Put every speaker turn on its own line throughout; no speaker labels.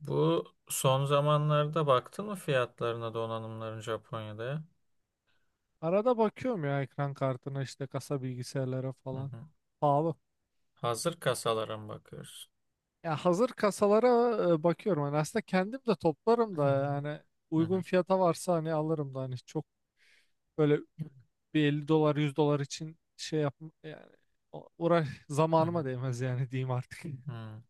Bu son zamanlarda baktın mı fiyatlarına donanımların Japonya'da ya?
Arada bakıyorum ya ekran kartına işte kasa bilgisayarlara
Hı
falan.
hı.
Pahalı.
Hazır kasalara mı bakıyoruz?
Ya hazır kasalara bakıyorum. Hani aslında kendim de toplarım da yani
Hı
uygun
hı.
fiyata varsa hani alırım da hani çok böyle bir 50 dolar 100 dolar için şey yap yani uğraş
Hı hı.
zamanıma
Hı.
değmez yani diyeyim artık.
Hı.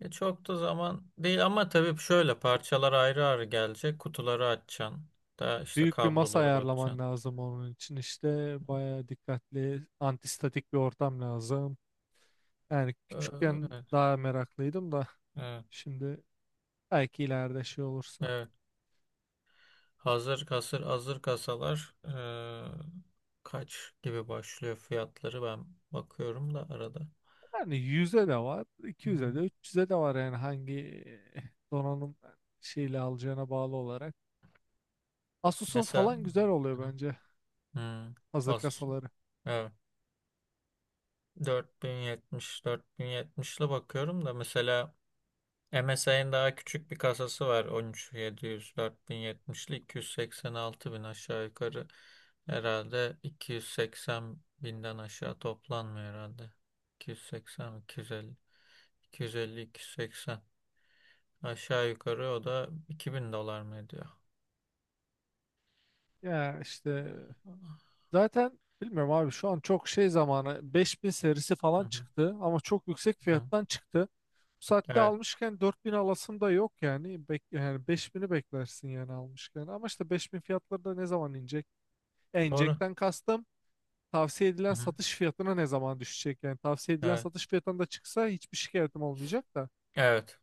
E çok da zaman değil ama tabii şöyle parçalar ayrı ayrı gelecek. Kutuları açacaksın. Da işte
Büyük bir masa
kabloları
ayarlaman
bakacaksın.
lazım onun için işte bayağı dikkatli antistatik bir ortam lazım. Yani
Ee,
küçükken
Evet,
daha meraklıydım da
evet,
şimdi belki ileride şey olursa.
evet. Hazır kasalar kaç gibi başlıyor fiyatları ben bakıyorum da arada.
Yani 100'e de var,
Hı.
200'e de, 300'e de var yani hangi eh, donanım şeyle alacağına bağlı olarak. Asus'un
Mesela.
falan güzel oluyor bence
Hmm.
hazır
Az.
kasaları.
Evet. 4070, 4070'li bakıyorum da mesela MSI'nin daha küçük bir kasası var. 13700, 4070'li 286 bin yetmişli 286 bin aşağı yukarı. Herhalde 280 binden aşağı toplanmıyor herhalde. 280, 250, 250, 280. Aşağı yukarı o da 2000 dolar mı ediyor?
Ya işte
Hı
zaten bilmiyorum abi şu an çok şey zamanı 5000 serisi falan
hı,
çıktı ama çok yüksek
hı hı.
fiyattan çıktı. Bu saatte
Evet,
almışken 4000 alasım da yok yani. Yani 5000'i beklersin yani almışken. Ama işte 5000 fiyatları da ne zaman inecek?
doğru.
İnecekten kastım. Tavsiye edilen
Hı hı.
satış fiyatına ne zaman düşecek? Yani tavsiye edilen
Evet.
satış fiyatına da çıksa hiçbir şikayetim olmayacak da.
Evet.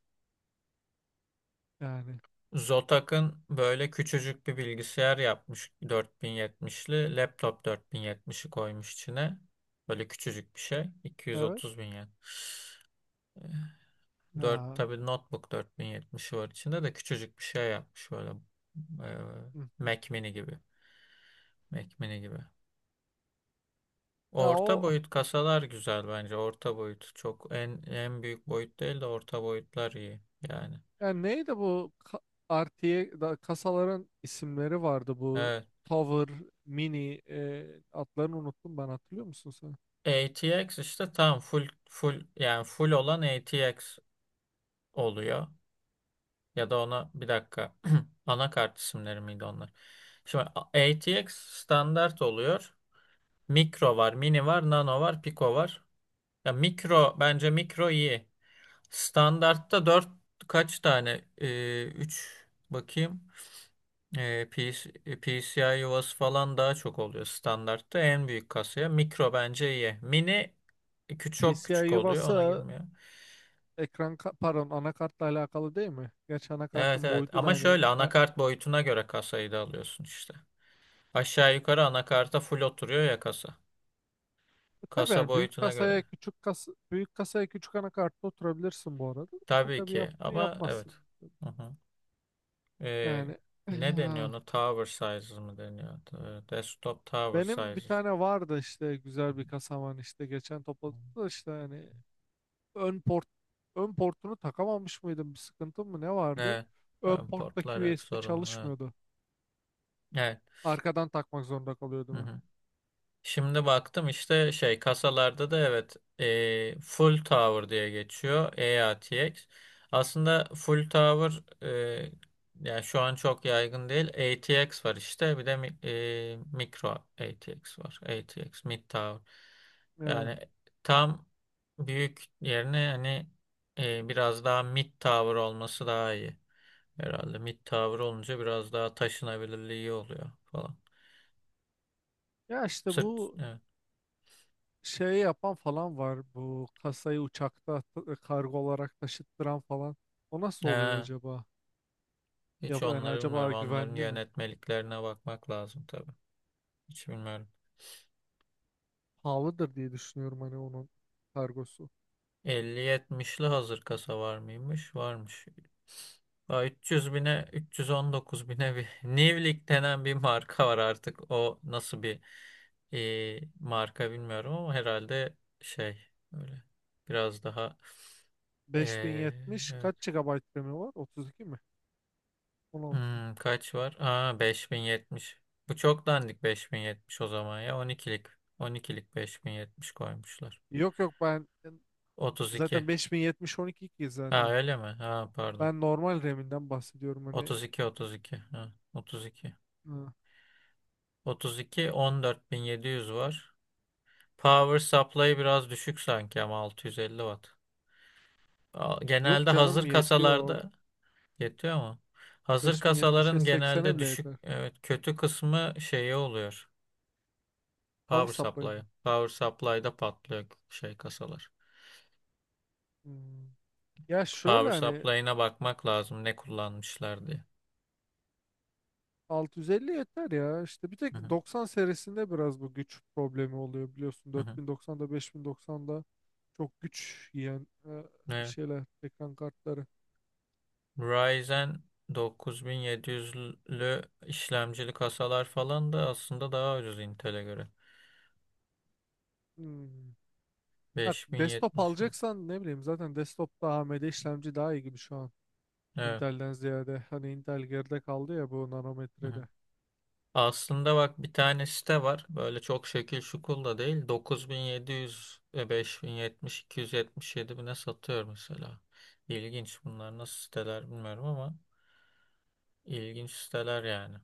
Yani,
Zotac'ın böyle küçücük bir bilgisayar yapmış 4070'li. Laptop 4070'i koymuş içine. Böyle küçücük bir şey.
evet.
230 bin yen. 4
Ya,
tabii notebook 4070'i var içinde de küçücük bir şey yapmış böyle. e,
hı hı.
Mac mini gibi. Mac mini gibi.
Ya
Orta
o
boyut kasalar güzel bence. Orta boyut çok en büyük boyut değil de orta boyutlar iyi yani.
yani neydi bu artıya da kasaların isimleri vardı bu
Evet.
Tower, Mini, adlarını unuttum ben, hatırlıyor musun sen?
ATX işte tam full full yani full olan ATX. Oluyor. Ya da ona bir dakika anakart isimleri miydi onlar? Şimdi ATX standart oluyor. Mikro var, mini var, nano var, pico var. Ya mikro bence mikro iyi. Standartta 4 kaç tane? Üç bakayım. PC, PCI yuvası falan daha çok oluyor standartta en büyük kasaya. Mikro bence iyi. Mini küçük çok
PCI
küçük oluyor ona
yuvası
girmiyor.
pardon, anakartla alakalı değil mi? Gerçi
Evet
anakartın
evet
boyutu da
ama
hani
şöyle anakart boyutuna göre kasayı da alıyorsun işte. Aşağı yukarı anakarta full oturuyor ya kasa.
Tabii
Kasa
yani büyük
boyutuna göre.
kasaya küçük kas büyük kasaya küçük anakartta oturabilirsin bu arada. E
Tabii
tabii
ki ama evet.
yapmazsın.
Hı hı. Ee,
Yani
Ne deniyor
eh,
ona? Tower sizes mı deniyor? Desktop tower
benim bir
sizes.
tane vardı işte
Hı
güzel
hı.
bir kasam, hani işte geçen topladık da işte hani ön port ön portunu takamamış mıydım, bir sıkıntım mı ne vardı?
Evet.
Ön porttaki
Portlar hep
USB
sorunlu. Evet.
çalışmıyordu.
Evet.
Arkadan takmak zorunda
Hı
kalıyordum hep.
hı. Şimdi baktım işte şey kasalarda da evet full tower diye geçiyor EATX. Aslında full tower yani şu an çok yaygın değil. ATX var işte bir de mikro ATX var. ATX mid tower.
Yani,
Yani tam büyük yerine hani biraz daha mid tower olması daha iyi. Herhalde mid tower olunca biraz daha taşınabilirliği oluyor falan.
ya işte
Sırt
bu şey yapan falan var, bu kasayı uçakta kargo olarak taşıttıran falan. O nasıl oluyor
evet.
acaba? Ya
Hiç
yani
onları bilmiyorum.
acaba
Onların
güvenli mi?
yönetmeliklerine bakmak lazım tabii. Hiç bilmiyorum.
Pahalıdır diye düşünüyorum hani onun kargosu.
5070'li hazır kasa var mıymış? Varmış. Aa, 300 bine, 319 bine bir Nivlik denen bir marka var artık. O nasıl bir marka bilmiyorum ama herhalde şey öyle biraz daha e,
5070 kaç
evet.
GB RAM'i var? 32 mi? 16 mı?
Kaç var? Aa 5070. Bu çok dandik 5070 o zaman ya On on ikilik, 12'lik 5070 koymuşlar.
Yok yok, ben
32.
zaten 5070 12 ki
Ha
zaten.
öyle mi? Ha pardon.
Ben normal RAM'inden bahsediyorum hani.
32 32. Ha, Otuz iki.
Ha.
32 14700 var. Power supply biraz düşük sanki ama 650 watt.
Yok
Genelde
canım,
hazır
yetiyor.
kasalarda yetiyor mu? Hazır
5070'e
kasaların
80'e
genelde
bile
düşük
yeter.
evet kötü kısmı şeyi oluyor.
Power
Power
supply
supply.
mı?
Power supply'da patlıyor şey kasalar.
Hmm. Ya şöyle
Power
hani
supply'ına bakmak lazım ne kullanmışlar diye.
650 yeter ya. İşte bir
Hı
tek
hı,
90 serisinde biraz bu güç problemi oluyor biliyorsun.
hı hı.
4090'da 5090'da çok güç yiyen
Evet.
şeyler ekran kartları.
Ryzen 9700'lü işlemcili kasalar falan da aslında daha ucuz Intel'e göre.
Hmm. Ha, desktop
5070 mi?
alacaksan ne bileyim zaten desktopta AMD işlemci daha iyi gibi şu an.
Evet.
Intel'den ziyade. Hani Intel geride kaldı ya bu
Hı hı.
nanometrede.
Aslında bak bir tane site var. Böyle çok şekil şukul da değil. 9700, 5070, 277 bine satıyor mesela. İlginç bunlar nasıl siteler bilmiyorum ama ilginç siteler yani.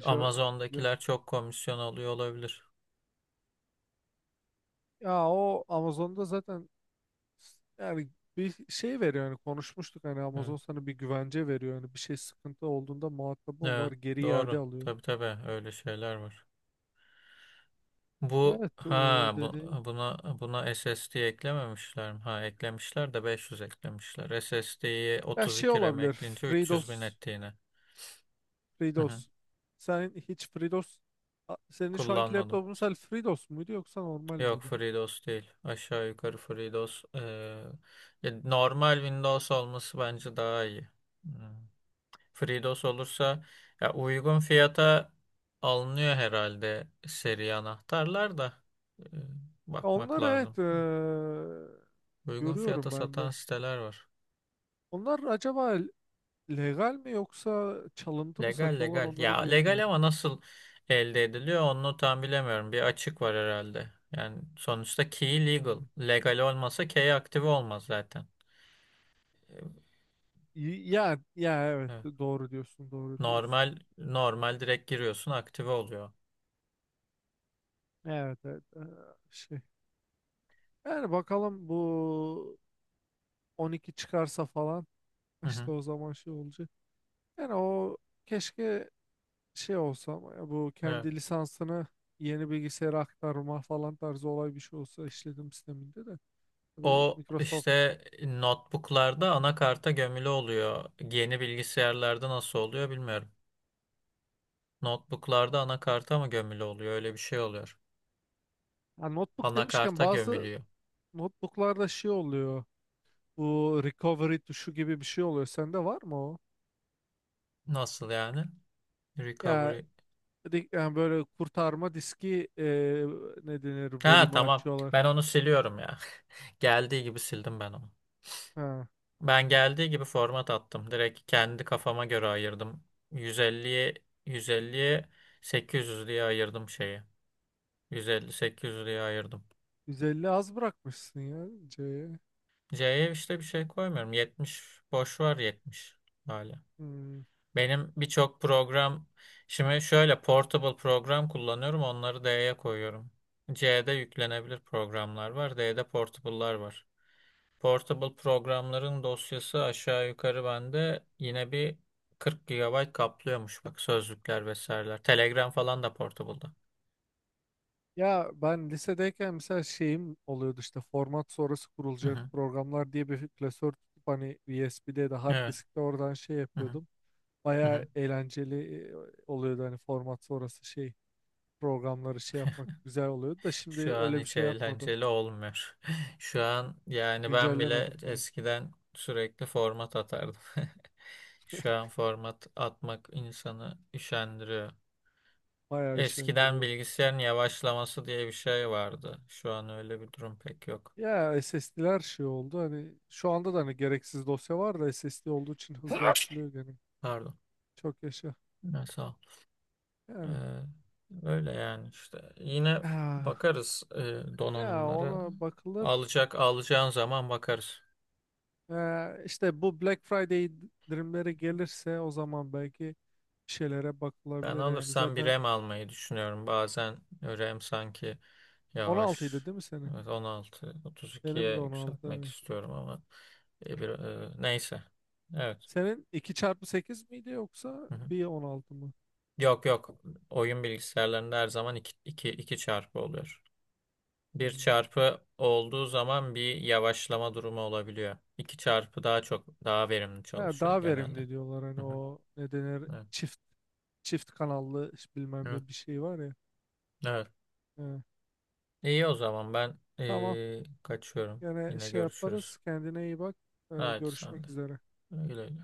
Şey, bilmiyorum.
Amazon'dakiler çok komisyon alıyor olabilir.
Ya o Amazon'da zaten yani bir şey veriyor hani, konuşmuştuk hani,
Hı.
Amazon sana bir güvence veriyor hani bir şey sıkıntı olduğunda muhatabın var,
Evet,
geri iade
doğru.
alıyor.
Tabii tabii öyle şeyler var. Bu
Evet,
ha
o
bu,
dedi.
buna SSD eklememişler mi? Ha eklemişler de 500 eklemişler. SSD'yi
Ya şey
32 RAM
olabilir
ekleyince 300 bin
FreeDOS.
etti yine. Hı hı.
FreeDOS sen hiç FreeDOS Senin şu anki
Kullanmadım.
laptopun sen FreeDOS muydu yoksa normal
Yok
miydi?
FreeDOS değil. Aşağı yukarı FreeDOS. Ya normal Windows olması bence daha iyi. Hmm. FreeDOS olursa ya uygun fiyata alınıyor herhalde seri anahtarlar da. Ee, Bakmak
Onlar
lazım.
evet,
Uygun fiyata
görüyorum ben
satan
de.
siteler var.
Onlar acaba legal mi yoksa çalıntı mı
Legal
satıyorlar,
legal.
onları
Ya legal
bilemiyorum.
ama nasıl elde ediliyor onu tam bilemiyorum. Bir açık var herhalde. Yani sonuçta key legal.
Hmm.
Legal olmasa key aktive olmaz zaten. Evet.
Ya ya, evet, doğru diyorsun, doğru diyorsun.
Normal normal direkt giriyorsun aktive oluyor.
Evet, evet, şey. Yani bakalım bu 12 çıkarsa falan
Hı hı.
işte o zaman şey olacak. Yani o keşke şey olsa, ama ya bu
Evet.
kendi lisansını yeni bilgisayara aktarma falan tarzı olay bir şey olsa işletim sisteminde de. Tabii
O
Microsoft.
işte notebooklarda anakarta gömülü oluyor. Yeni bilgisayarlarda nasıl oluyor bilmiyorum. Notebooklarda anakarta mı gömülü oluyor? Öyle bir şey oluyor.
Ya notebook demişken
Anakarta
bazı
gömülüyor.
notebooklarda şey oluyor. Bu recovery tuşu gibi bir şey oluyor. Sende var mı o?
Nasıl yani?
Ya
Recovery.
Yani böyle kurtarma diski, ne denir,
Ha,
volümü
tamam.
açıyorlar.
Ben onu siliyorum ya. Geldiği gibi sildim ben onu.
Ha,
Ben geldiği gibi format attım. Direkt kendi kafama göre ayırdım. 150'ye 150'ye 800 diye ayırdım şeyi. 150 800 diye ayırdım.
150 az bırakmışsın ya C'ye.
C'ye işte bir şey koymuyorum. 70 boş var 70 böyle.
Hmm.
Benim birçok program şimdi şöyle portable program kullanıyorum. Onları D'ye koyuyorum. C'de yüklenebilir programlar var. D'de portable'lar var. Portable programların dosyası aşağı yukarı bende yine bir 40 gigabayt kaplıyormuş bak sözlükler vesaireler. Telegram falan da portable'da.
Ya ben lisedeyken mesela şeyim oluyordu, işte format sonrası
Hı
kurulacak
hı.
programlar diye bir klasör tutup hani USB'de de hard
Evet.
diskte, oradan şey
Hı hı.
yapıyordum.
Hı
Baya
hı.
eğlenceli oluyordu hani, format sonrası şey programları şey yapmak güzel oluyordu da şimdi
Şu an
öyle bir
hiç
şey yapmadım.
eğlenceli olmuyor. Şu an yani ben bile
Güncellemedim ben.
eskiden sürekli format atardım. Şu an format atmak insanı üşendiriyor.
Bayağı
Eskiden
üşendiriyor.
bilgisayarın yavaşlaması diye bir şey vardı. Şu an öyle bir durum pek yok.
Ya SSD'ler şey oldu hani, şu anda da hani gereksiz dosya var da SSD olduğu için hızlı açılıyor gene.
Pardon.
Çok yaşa.
Neyse. Ee,
Yani
Öyle yani işte. Yine
ah,
bakarız
ya
donanımlara.
ona bakılır.
Alacağın zaman bakarız.
İşte bu Black Friday indirimleri gelirse o zaman belki bir şeylere
Ben
bakılabilir yani.
alırsam bir
Zaten
RAM almayı düşünüyorum. Bazen RAM sanki yavaş.
16'ydı değil mi senin?
Evet, 16,
Benim de
32'ye
16.
yükseltmek
Evet.
istiyorum ama neyse. Evet.
Senin 2x8 miydi yoksa
Hı hı.
bir 16 mı?
Yok yok. Oyun bilgisayarlarında her zaman iki çarpı oluyor. Bir
Hmm.
çarpı olduğu zaman bir yavaşlama durumu olabiliyor. İki çarpı daha çok daha verimli
Ya
çalışıyor
daha
genelde.
verimli diyorlar
Hı
hani,
hı.
o ne denir,
Evet.
çift kanallı bilmem
Evet.
ne bir şey var ya.
Evet.
Ee,
İyi o zaman ben
tamam.
kaçıyorum.
Yine
Yine
şey
görüşürüz.
yaparız. Kendine iyi bak.
Haydi sen de.
Görüşmek üzere.
Güle güle.